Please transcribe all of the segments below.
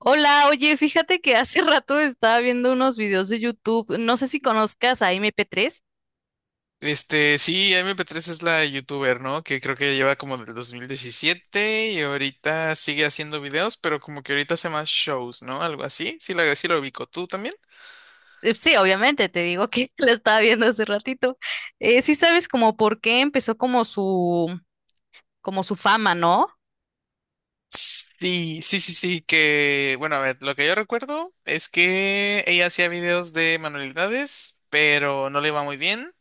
Hola, oye, fíjate que hace rato estaba viendo unos videos de YouTube. No sé si conozcas a MP3. Sí, M P tres es la youtuber, ¿no? Que creo que lleva como del 2017 y ahorita sigue haciendo videos, pero como que ahorita hace más shows, ¿no? Algo así. Sí, la, sí lo ubico. ¿Tú también? Sí, obviamente, te digo que la estaba viendo hace ratito. Sí sabes como por qué empezó como como su fama, ¿no? Sí, que, bueno, a ver, lo que yo recuerdo es que ella hacía videos de manualidades, pero no le iba muy bien.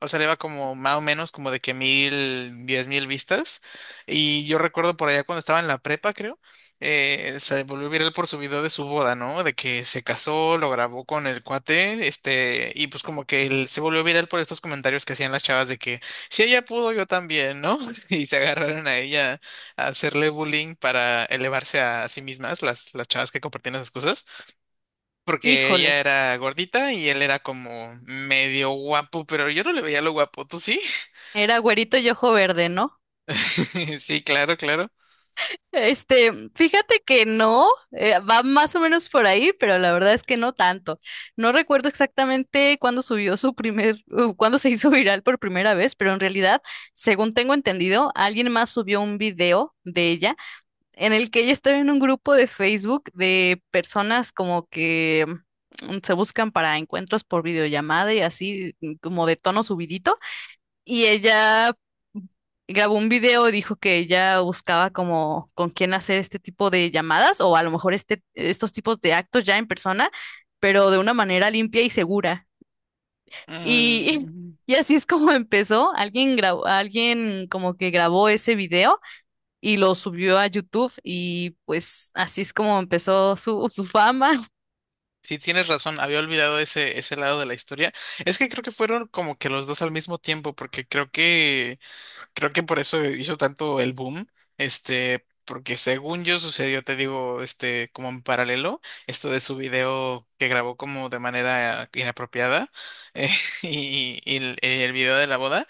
O sea, le iba como más o menos como de que 1,000, 10,000 vistas. Y yo recuerdo por allá cuando estaba en la prepa, creo, se volvió viral por su video de su boda, ¿no? De que se casó, lo grabó con el cuate, y pues como que él se volvió viral por estos comentarios que hacían las chavas de que si ella pudo, yo también, ¿no? Y se agarraron a ella hacerle bullying para elevarse a sí mismas, las chavas que compartían esas cosas, porque Híjole, ella era gordita y él era como medio guapo, pero yo no le veía lo guapo, ¿tú sí? era güerito y ojo verde, ¿no? Sí, claro, claro. Este, fíjate que no, va más o menos por ahí, pero la verdad es que no tanto. No recuerdo exactamente cuándo subió su primer, cuándo se hizo viral por primera vez, pero en realidad, según tengo entendido, alguien más subió un video de ella en el que ella estaba en un grupo de Facebook de personas como que se buscan para encuentros por videollamada y así como de tono subidito. Y ella grabó un video y dijo que ella buscaba como con quién hacer este tipo de llamadas o a lo mejor este, estos tipos de actos ya en persona, pero de una manera limpia y segura. Y, Mm, y así es como empezó. Alguien grabó, alguien como que grabó ese video y lo subió a YouTube y pues así es como empezó su fama, sí, tienes razón, había olvidado ese, ese lado de la historia. Es que creo que fueron como que los dos al mismo tiempo, porque creo que Creo que por eso hizo tanto el boom, porque según yo sucedió, te digo, como en paralelo, esto de su video que grabó como de manera inapropiada eh, y, el video de la boda.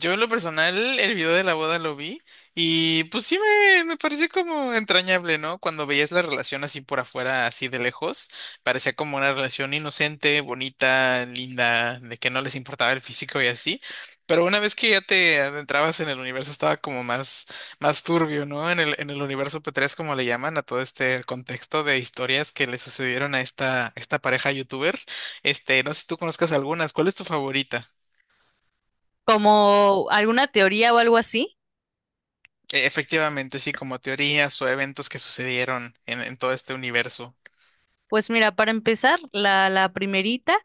Yo en lo personal, el video de la boda lo vi y pues sí me pareció como entrañable, ¿no? Cuando veías la relación así por afuera, así de lejos, parecía como una relación inocente, bonita, linda, de que no les importaba el físico y así. Pero una vez que ya te adentrabas en el universo estaba como más, más turbio, ¿no? En el universo P3, como le llaman, a todo este contexto de historias que le sucedieron a esta, esta pareja youtuber. No sé si tú conozcas algunas, ¿cuál es tu favorita? como alguna teoría o algo así. Efectivamente, sí, como teorías o eventos que sucedieron en todo este universo. Pues mira, para empezar, la primerita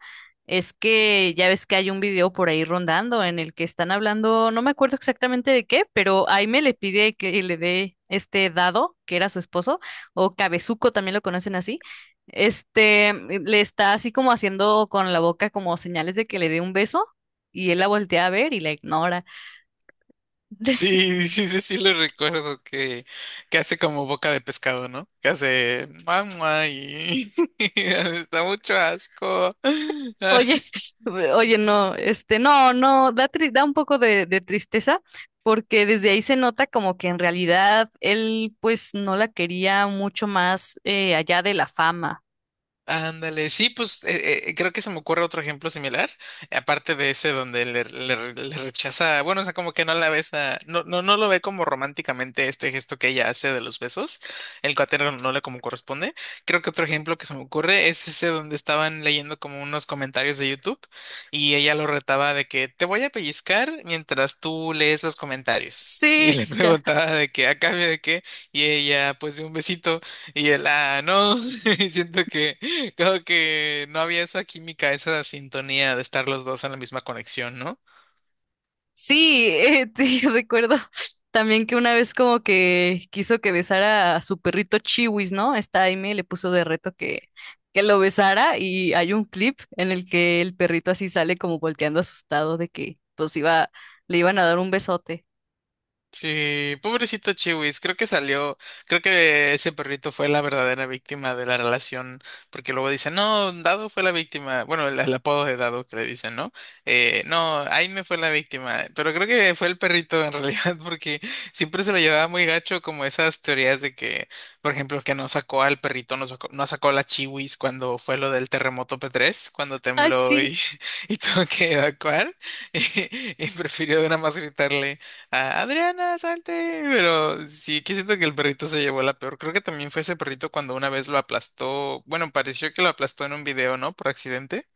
es que ya ves que hay un video por ahí rondando en el que están hablando, no me acuerdo exactamente de qué, pero Aime le pide que le dé este Dado, que era su esposo, o Cabezuco, también lo conocen así. Este le está así como haciendo con la boca como señales de que le dé un beso y él la voltea a ver y la ignora. Sí, lo recuerdo que hace como boca de pescado, ¿no? Que hace mamá y da mucho asco. Oye, oye, no, este, no, no, da un poco de tristeza porque desde ahí se nota como que en realidad él pues no la quería mucho más allá de la fama. Ándale, sí, pues creo que se me ocurre otro ejemplo similar, aparte de ese donde le rechaza, bueno, o sea, como que no la besa, no lo ve como románticamente este gesto que ella hace de los besos, el cuatero no le como corresponde. Creo que otro ejemplo que se me ocurre es ese donde estaban leyendo como unos comentarios de YouTube y ella lo retaba de que te voy a pellizcar mientras tú lees los comentarios. Y Sí, le ya. preguntaba de qué, a cambio de qué, y ella, pues de un besito, y él, ah, no, siento que creo que no había esa química, esa sintonía de estar los dos en la misma conexión, ¿no? Sí, sí, recuerdo también que una vez como que quiso que besara a su perrito Chiwis, ¿no? Esta Aime le puso de reto que lo besara y hay un clip en el que el perrito así sale como volteando asustado de que le iban a dar un besote. Sí, pobrecito Chiwis, creo que salió, creo que ese perrito fue la verdadera víctima de la relación, porque luego dicen, no, Dado fue la víctima, bueno, el apodo de Dado que le dicen, ¿no? No, Aime fue la víctima, pero creo que fue el perrito en realidad, porque siempre se lo llevaba muy gacho, como esas teorías de que, por ejemplo, que no sacó al perrito, no sacó a la Chiwis cuando fue lo del terremoto P3, cuando Ah, tembló sí. y, y tuvo que evacuar, y prefirió nada más gritarle a Adriana, salte. Pero sí que siento que el perrito se llevó la peor. Creo que también fue ese perrito cuando una vez lo aplastó. Bueno, pareció que lo aplastó en un video, ¿no? Por accidente.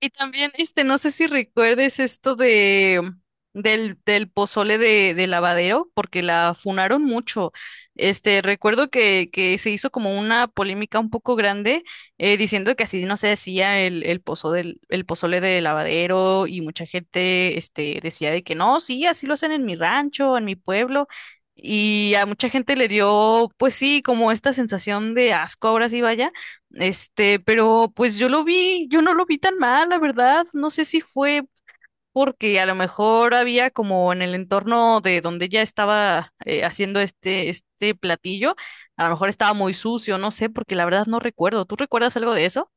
Y también, este, no sé si recuerdes esto de del pozole de Lavadero, porque la funaron mucho. Este, recuerdo que se hizo como una polémica un poco grande, diciendo que así no se hacía el el pozole de Lavadero, y mucha gente, este, decía de que no, sí, así lo hacen en mi rancho, en mi pueblo. Y a mucha gente le dio, pues sí, como esta sensación de asco, ahora sí vaya este, pero pues yo lo vi, yo no lo vi tan mal, la verdad. No sé si fue porque a lo mejor había como en el entorno de donde ella estaba haciendo este platillo, a lo mejor estaba muy sucio, no sé, porque la verdad no recuerdo. ¿Tú recuerdas algo de eso?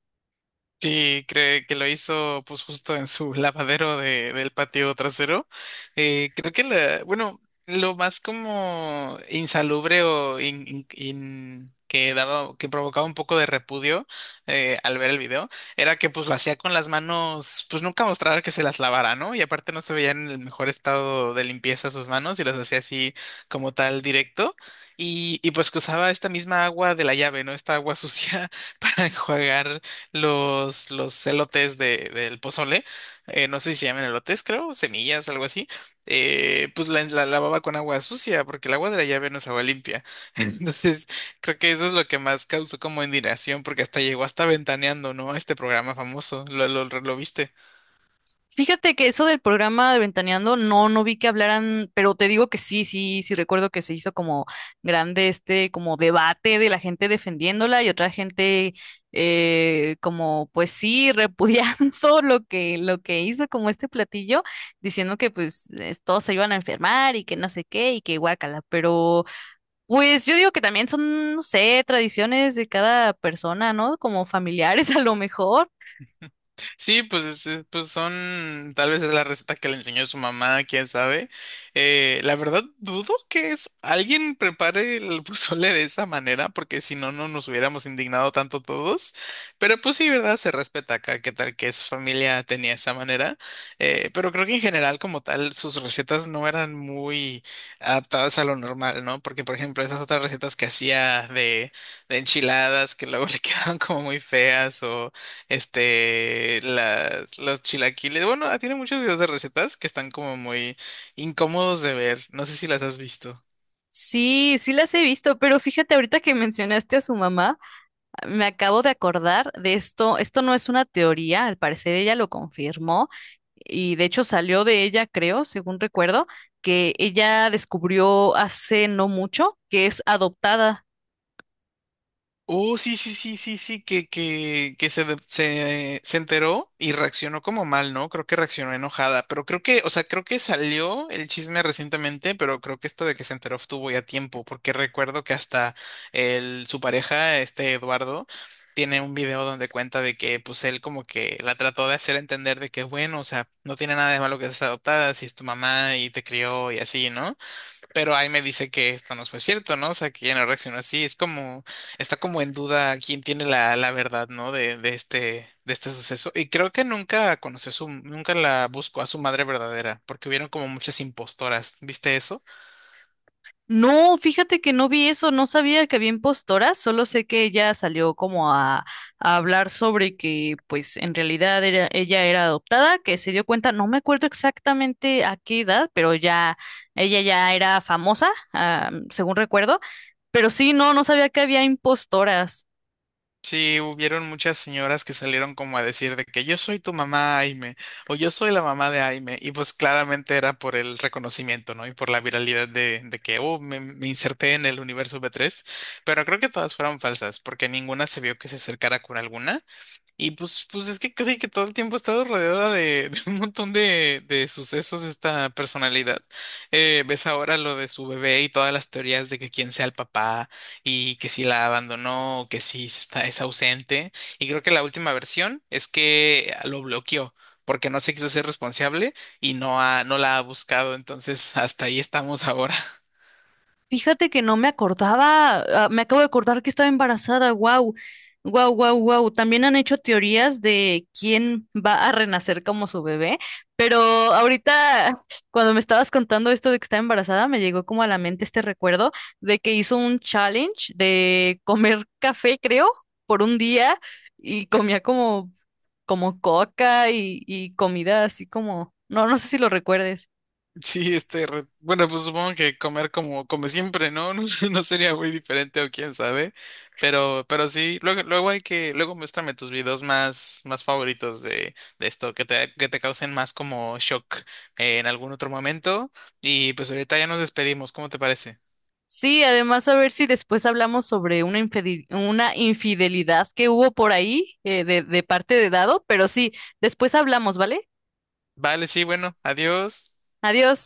Sí, cree que lo hizo pues justo en su lavadero del patio trasero. Creo que la, bueno, lo más como insalubre o que daba, que provocaba un poco de repudio al ver el video, era que pues lo hacía con las manos, pues nunca mostraba que se las lavara, ¿no? Y aparte no se veía en el mejor estado de limpieza sus manos y las hacía así como tal directo. Y pues que usaba esta misma agua de la llave, ¿no? Esta agua sucia para enjuagar los elotes del pozole, no sé si se llaman elotes, creo, semillas, algo así, pues la lavaba con agua sucia, porque el agua de la llave no es agua limpia. Entonces, creo que eso es lo que más causó como indignación, porque hasta llegó hasta ventaneando, ¿no? A este programa famoso, lo viste. Fíjate que eso del programa de Ventaneando, no, no vi que hablaran, pero te digo que sí, sí, sí recuerdo que se hizo como grande este como debate de la gente defendiéndola y otra gente como pues sí repudiando lo que hizo como este platillo, diciendo que pues todos se iban a enfermar y que no sé qué y que guácala, pero pues yo digo que también son, no sé, tradiciones de cada persona, ¿no? Como familiares a lo mejor. Sí, pues, pues son, tal vez es la receta que le enseñó su mamá, quién sabe. La verdad, dudo que es, alguien prepare el pozole de esa manera, porque si no, no nos hubiéramos indignado tanto todos. Pero pues sí, ¿verdad? Se respeta acá, qué tal que su familia tenía esa manera. Pero creo que en general, como tal, sus recetas no eran muy adaptadas a lo normal, ¿no? Porque, por ejemplo, esas otras recetas que hacía de enchiladas, que luego le quedaban como muy feas o los chilaquiles. Bueno, ah, tiene muchos videos de recetas que están como muy incómodos de ver. No sé si las has visto. Sí, sí las he visto, pero fíjate, ahorita que mencionaste a su mamá, me acabo de acordar de esto. Esto no es una teoría, al parecer ella lo confirmó y de hecho salió de ella, creo, según recuerdo, que ella descubrió hace no mucho que es adoptada. Oh, sí, que se enteró y reaccionó como mal, ¿no? Creo que reaccionó enojada, pero creo que, o sea, creo que salió el chisme recientemente, pero creo que esto de que se enteró estuvo ya tiempo, porque recuerdo que hasta su pareja, este Eduardo, tiene un video donde cuenta de que, pues, él como que la trató de hacer entender de que, bueno, o sea, no tiene nada de malo que seas adoptada, si es tu mamá y te crió y así, ¿no? Pero ahí me dice que esto no fue cierto, ¿no? O sea, que ya no reaccionó así. Es como, está como en duda quién tiene la, la verdad, ¿no? De, de este suceso. Y creo que nunca conoció a su, nunca la buscó a su madre verdadera, porque hubieron como muchas impostoras. ¿Viste eso? No, fíjate que no vi eso, no sabía que había impostoras, solo sé que ella salió como a hablar sobre que pues en realidad era, ella era adoptada, que se dio cuenta, no me acuerdo exactamente a qué edad, pero ya ella ya era famosa, ah, según recuerdo, pero sí, no, no sabía que había impostoras. Sí, hubieron muchas señoras que salieron como a decir de que yo soy tu mamá, Aime, o yo soy la mamá de Aime, y pues claramente era por el reconocimiento, ¿no? Y por la viralidad de que, oh, me inserté en el universo B3, pero creo que todas fueron falsas, porque ninguna se vio que se acercara con alguna, y pues, pues es que casi que todo el tiempo ha estado rodeada de, de un montón de sucesos esta personalidad. Ves ahora lo de su bebé y todas las teorías de que quién sea el papá y que si la abandonó o que si se está, es ausente. Y creo que la última versión es que lo bloqueó porque no se quiso ser responsable y no, ha, no la ha buscado. Entonces, hasta ahí estamos ahora. Fíjate que no me acordaba, ah, me acabo de acordar que estaba embarazada, wow, wow, wow, wow. También han hecho teorías de quién va a renacer como su bebé, pero ahorita cuando me estabas contando esto de que estaba embarazada, me llegó como a la mente este recuerdo de que hizo un challenge de comer café, creo, por un día y comía como, como coca y comida así como, no, no sé si lo recuerdes. Sí, bueno, pues supongo que comer como come siempre, ¿no? No, no sería muy diferente o quién sabe, pero sí, luego muéstrame tus videos más, más favoritos de esto, que te causen más como shock en algún otro momento y pues ahorita ya nos despedimos, ¿cómo te parece? Sí, además a ver si después hablamos sobre una infidelidad que hubo por ahí de parte de Dado, pero sí, después hablamos, ¿vale? Vale, sí, bueno, adiós. Adiós.